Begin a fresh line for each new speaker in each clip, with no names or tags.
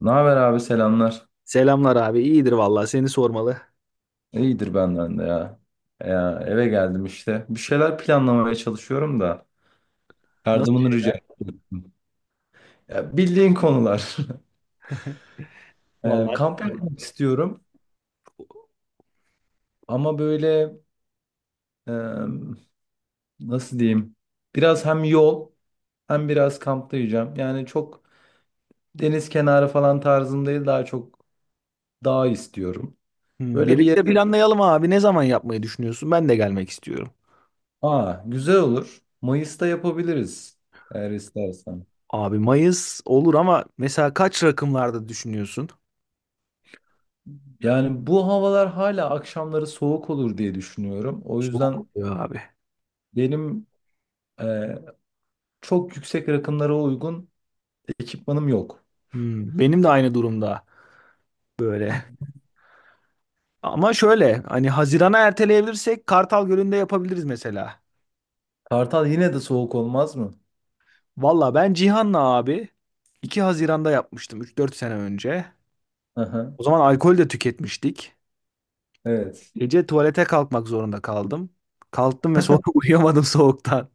Ne haber abi, selamlar.
Selamlar abi. İyidir vallahi seni sormalı.
İyidir benden de ya. Ya eve geldim işte. Bir şeyler planlamaya çalışıyorum da
Nasıl
yardımını rica
şeyler?
ediyorum. Ya bildiğin konular.
Vallahi.
Kamp yapmak istiyorum ama böyle, e, nasıl diyeyim? Biraz hem yol hem biraz kampta yiyeceğim. Yani çok deniz kenarı falan tarzım değil, daha çok dağ istiyorum.
Hmm,
Böyle bir
birlikte
yere...
planlayalım abi. Ne zaman yapmayı düşünüyorsun? Ben de gelmek istiyorum.
Aa, güzel olur. Mayıs'ta yapabiliriz eğer istersen.
Abi Mayıs olur ama mesela kaç rakımlarda düşünüyorsun?
Yani bu havalar hala akşamları soğuk olur diye düşünüyorum. O
Soğuk
yüzden
oluyor abi.
benim e, çok yüksek rakımlara uygun ekipmanım yok.
Hmm, benim de aynı durumda böyle. Ama şöyle hani Haziran'a erteleyebilirsek Kartal Gölü'nde yapabiliriz mesela.
Kartal yine de soğuk olmaz mı?
Valla ben Cihan'la abi 2 Haziran'da yapmıştım üç dört sene önce.
Hı hı.
O zaman alkol de tüketmiştik.
Evet.
Gece tuvalete kalkmak zorunda kaldım. Kalktım ve sonra uyuyamadım soğuktan.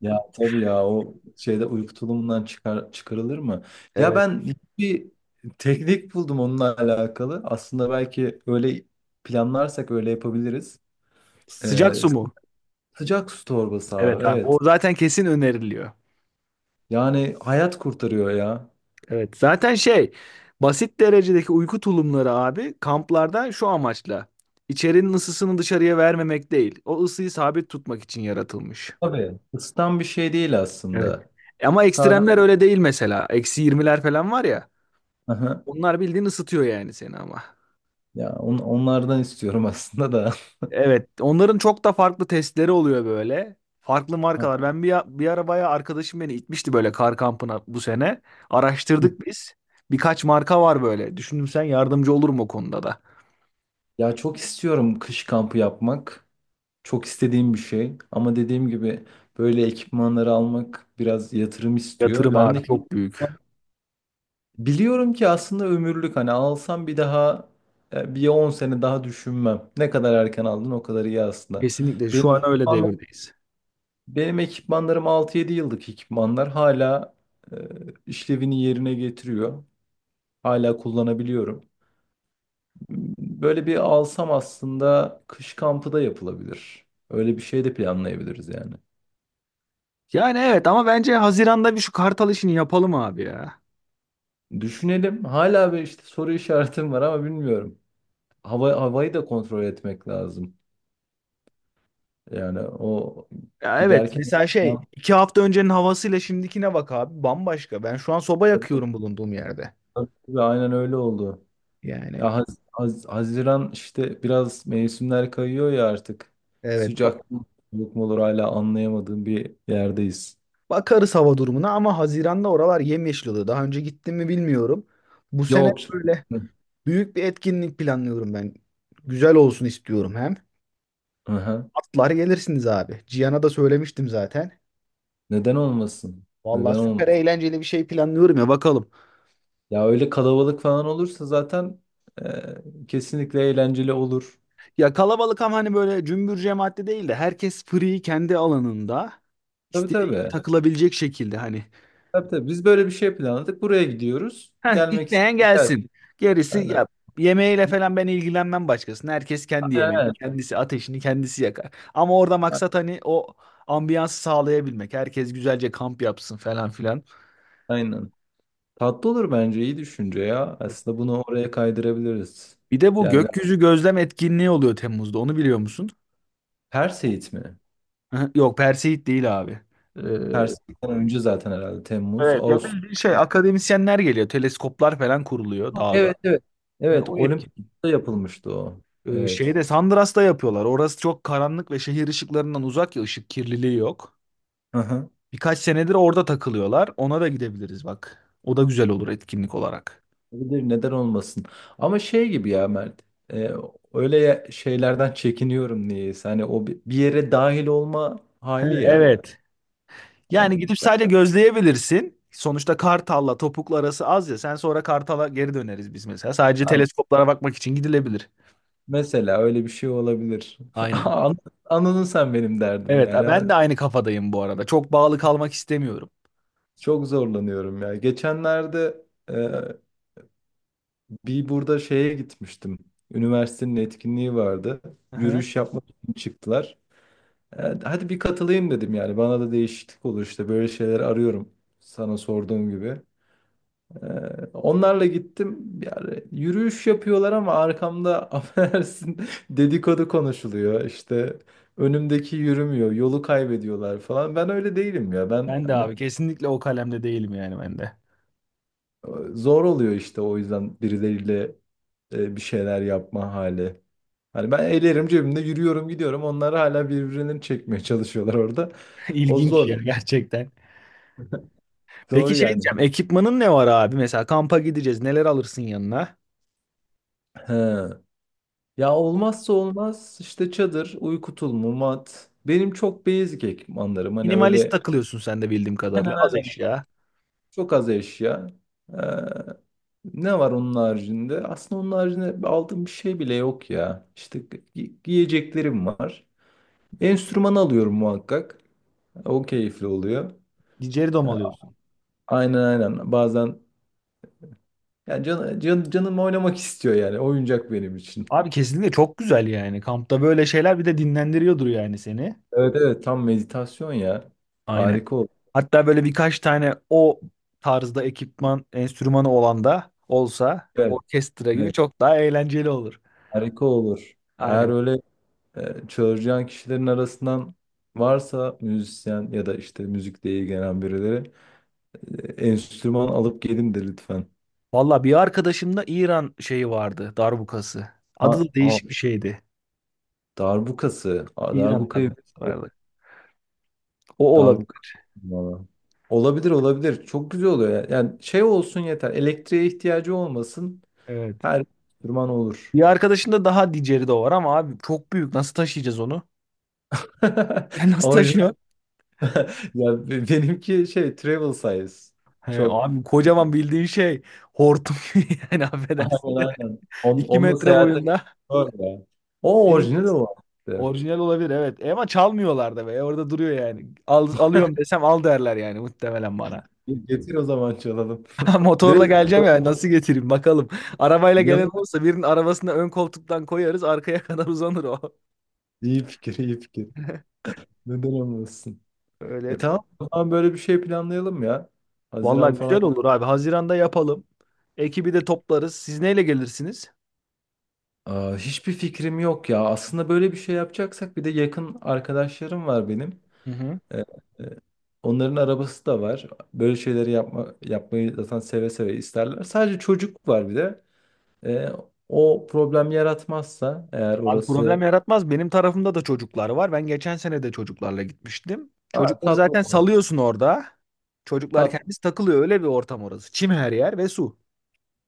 Ya tabii ya, o şeyde uyku tulumundan çıkarılır mı? Ya
Evet.
ben bir teknik buldum onunla alakalı. Aslında belki öyle planlarsak öyle yapabiliriz. E,
Sıcak su mu?
Sıcak su torbası abi,
Evet abi. O
evet.
zaten kesin öneriliyor.
Yani hayat kurtarıyor ya.
Evet. Zaten şey basit derecedeki uyku tulumları abi kamplarda şu amaçla. İçerinin ısısını dışarıya vermemek değil. O ısıyı sabit tutmak için yaratılmış.
Tabii. Isıtan bir şey değil
Evet.
aslında.
Ama
Sabit.
ekstremler öyle değil mesela. Eksi 20'ler falan var ya.
Aha.
Onlar bildiğin ısıtıyor yani seni ama.
Ya onlardan istiyorum aslında da.
Evet, onların çok da farklı testleri oluyor böyle. Farklı
Ha.
markalar. Ben bir arabaya arkadaşım beni itmişti böyle kar kampına bu sene. Araştırdık biz. Birkaç marka var böyle. Düşündüm sen yardımcı olur mu o konuda da?
Ya çok istiyorum kış kampı yapmak. Çok istediğim bir şey. Ama dediğim gibi böyle ekipmanları almak biraz yatırım istiyor.
Yatırım
Ben
abi
de
çok büyük.
biliyorum ki aslında ömürlük. Hani alsam bir daha bir 10 sene daha düşünmem. Ne kadar erken aldın o kadar iyi aslında.
Kesinlikle
Benim
şu an öyle devirdeyiz.
Benim ekipmanlarım altı yedi yıllık ekipmanlar. Hala e, işlevini yerine getiriyor. Hala kullanabiliyorum. Böyle bir alsam aslında kış kampı da yapılabilir. Öyle bir şey de planlayabiliriz yani.
Yani evet ama bence Haziran'da bir şu Kartal işini yapalım abi ya.
Düşünelim. Hala bir işte soru işaretim var ama bilmiyorum. Havayı da kontrol etmek lazım. Yani o
Ya evet
giderken
mesela şey iki hafta öncenin havasıyla şimdikine bak abi bambaşka. Ben şu an soba yakıyorum bulunduğum yerde.
ve aynen öyle oldu. Ya
Yani
Haziran işte biraz mevsimler kayıyor ya artık.
evet.
Sıcak mı soğuk mu olur hala anlayamadığım bir yerdeyiz.
Bakarız hava durumuna ama Haziran'da oralar yemyeşil oluyor. Daha önce gittim mi bilmiyorum. Bu sene
Yok.
böyle
Hı.
büyük bir etkinlik planlıyorum ben. Güzel olsun istiyorum hem.
Aha.
Atlar gelirsiniz abi. Cihan'a da söylemiştim zaten.
Neden olmasın?
Vallahi
Neden
süper
olmasın?
eğlenceli bir şey planlıyorum ya bakalım.
Ya öyle kalabalık falan olursa zaten kesinlikle eğlenceli olur.
Ya kalabalık ama hani böyle cümbür cemaatli değil de herkes free kendi alanında
Tabii
istediği gibi
tabii.
takılabilecek şekilde hani.
Tabii tabii. Biz böyle bir şey planladık. Buraya gidiyoruz.
Heh,
Gelmek
isteyen
isteyenler.
gelsin. Gerisi
Aynen.
ya yemeğiyle falan ben ilgilenmem başkasına. Herkes kendi yemeğini,
Aynen.
kendisi ateşini kendisi yakar. Ama orada
Evet.
maksat hani o ambiyansı sağlayabilmek. Herkes güzelce kamp yapsın falan filan.
Aynen. Tatlı olur bence. İyi düşünce ya. Aslında bunu oraya kaydırabiliriz.
Bir de bu
Yani
gökyüzü gözlem etkinliği oluyor Temmuz'da. Onu biliyor musun?
Pers Eğit mi?
Hı, yok, Perseid değil abi. Ee,
Pers Eğit'ten önce zaten herhalde Temmuz,
evet ya
Ağustos.
bildiğin şey akademisyenler geliyor. Teleskoplar falan kuruluyor dağda.
Evet evet.
Ha,
Evet,
o etki.
Olimpos'ta yapılmıştı o. Evet.
Şeyde Sandras'ta yapıyorlar. Orası çok karanlık ve şehir ışıklarından uzak ya ışık kirliliği yok.
Hı hı.
Birkaç senedir orada takılıyorlar. Ona da gidebiliriz bak. O da güzel olur etkinlik olarak.
Olabilir, neden olmasın. Ama şey gibi ya Mert. e, Öyle şeylerden çekiniyorum niyeyse. Hani o bir yere dahil olma
He,
hali ya.
evet.
Hani
Yani gidip
ben-
sadece gözleyebilirsin. Sonuçta Kartal'la Topuklu arası az ya. Sen sonra Kartal'a geri döneriz biz mesela. Sadece
tamam,
teleskoplara bakmak için gidilebilir.
mesela öyle bir şey olabilir.
Aynen.
An- Anladın sen benim derdim
Evet,
yani. Ha.
ben de aynı kafadayım bu arada. Çok bağlı kalmak istemiyorum.
Çok zorlanıyorum ya. Geçenlerde bir burada şeye gitmiştim. Üniversitenin etkinliği vardı.
Aha.
Yürüyüş yapmak için çıktılar. Hadi bir katılayım dedim yani. Bana da değişiklik olur işte. Böyle şeyler arıyorum. Sana sorduğum gibi. E, Onlarla gittim. Yani yürüyüş yapıyorlar ama arkamda affedersin, dedikodu konuşuluyor. İşte önümdeki yürümüyor. Yolu kaybediyorlar falan. Ben öyle değilim ya. Ben
Ben de
hani
abi kesinlikle o kalemde değilim yani ben de.
zor oluyor işte o yüzden birileriyle bir şeyler yapma hali. Hani ben ellerim cebimde yürüyorum gidiyorum. Onlar hala birbirlerini çekmeye çalışıyorlar orada. O
İlginç ya
zor.
gerçekten. Peki
Doğru
şey
yani.
diyeceğim, ekipmanın ne var abi? Mesela kampa gideceğiz, neler alırsın yanına?
He. Ya olmazsa olmaz işte çadır, uyku tulumu, mat. Benim çok basic ekipmanlarım. Hani
Minimalist
öyle
takılıyorsun sen de bildiğim
hemen
kadarıyla. Az
hemen
eşya.
çok az eşya. Ee, Ne var onun haricinde? Aslında onun haricinde aldığım bir şey bile yok ya. İşte giyeceklerim var. Enstrüman alıyorum muhakkak. O keyifli oluyor.
Dom
Ee,
alıyorsun.
Aynen aynen. Bazen yani canım oynamak istiyor yani. Oyuncak benim için.
Abi kesinlikle çok güzel yani. Kampta böyle şeyler bir de dinlendiriyordur yani seni.
Evet evet, tam meditasyon ya.
Aynen.
Harika olur.
Hatta böyle birkaç tane o tarzda ekipman, enstrümanı olan da olsa
Evet,
orkestra gibi
evet,
çok daha eğlenceli olur.
harika olur. Eğer
Aynen.
öyle çağıracağın kişilerin arasından varsa müzisyen ya da işte müzikle ilgilenen birileri, enstrüman alıp gelin de lütfen.
Valla bir arkadaşımda İran şeyi vardı, darbukası.
Ha,
Adı da
ha,
değişik bir şeydi.
darbukası. Aa,
İran darbukası vardı. O olabilir.
Darbuka. Valla. Olabilir olabilir. Çok güzel oluyor. Yani, yani şey olsun yeter. Elektriğe ihtiyacı olmasın.
Evet.
Her enstrüman olur.
Bir arkadaşında daha diceri de var ama abi çok büyük. Nasıl taşıyacağız onu? Sen nasıl
Orijinal.
taşıyor?
Ya benimki şey travel size.
He,
Çok.
abi kocaman bildiğin şey hortum gibi yani affedersin
Aynen
de
aynen.
2 m
Onunla
metre
seyahate
boyunda.
doğru o
Senin
orijinal o işte.
orijinal olabilir evet. E ama çalmıyorlar da be. E, orada duruyor yani. Al, alıyorum desem al derler yani muhtemelen bana.
Getir o zaman çalalım.
Motorla
Direkt
geleceğim ya nasıl getireyim bakalım. Arabayla gelen
yanına.
olursa birinin arabasına ön koltuktan koyarız arkaya kadar uzanır o.
İyi fikir, iyi fikir. Neden olmasın? E
Öyle.
tamam, o zaman böyle bir şey planlayalım ya. Haziran
Vallahi güzel
falan.
olur abi. Haziran'da yapalım. Ekibi de toplarız. Siz neyle gelirsiniz?
Aa, hiçbir fikrim yok ya. Aslında böyle bir şey yapacaksak bir de yakın arkadaşlarım var benim.
Hı hı.
E, Onların arabası da var. Böyle şeyleri yapmayı zaten seve seve isterler. Sadece çocuk var bir de. Ee, O problem yaratmazsa eğer
Abi problem
orası...
yaratmaz. Benim tarafımda da çocuklar var. Ben geçen sene de çocuklarla gitmiştim.
Ha,
Çocukları
tatlı
zaten
olur.
salıyorsun orada. Çocuklar
Tat,
kendisi takılıyor. Öyle bir ortam orası. Çim her yer ve su.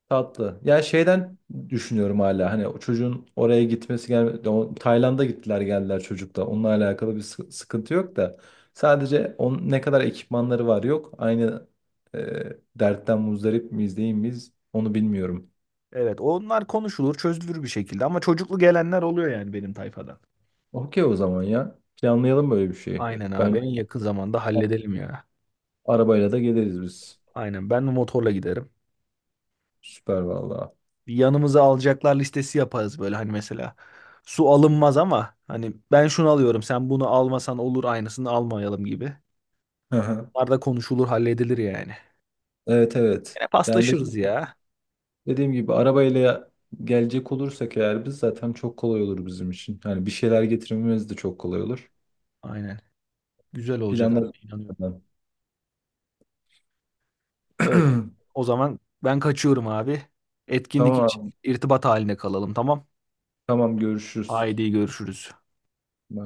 Tatlı. Yani şeyden düşünüyorum hala hani o çocuğun oraya gitmesi gelmedi. O, Tayland'a gittiler geldiler çocukla. Onunla alakalı bir sıkıntı yok da. Sadece ne kadar ekipmanları var yok. Aynı e, dertten muzdarip miyiz değil miyiz onu bilmiyorum.
Evet, onlar konuşulur, çözülür bir şekilde. Ama çocuklu gelenler oluyor yani benim tayfadan.
Okey o zaman ya. Planlayalım böyle bir şeyi.
Aynen abi,
Ben
en yakın zamanda halledelim ya.
Arabayla da geliriz biz.
Aynen, ben de motorla giderim.
Süper valla.
Bir yanımıza alacaklar listesi yaparız böyle hani mesela. Su alınmaz ama hani ben şunu alıyorum, sen bunu almasan olur aynısını almayalım gibi.
Hı hı.
Bunlar da konuşulur, halledilir yani.
Evet evet.
Yine
Yani
paslaşırız ya.
dediğim gibi arabayla gelecek olursak eğer biz, zaten çok kolay olur bizim için. Yani bir şeyler getirmemiz de çok kolay olur.
Aynen. Güzel olacak abi
Planları.
inanıyorum. Öyle. O zaman ben kaçıyorum abi. Etkinlik için
Tamam
irtibat haline kalalım tamam.
tamam, görüşürüz.
Haydi görüşürüz.
Bye.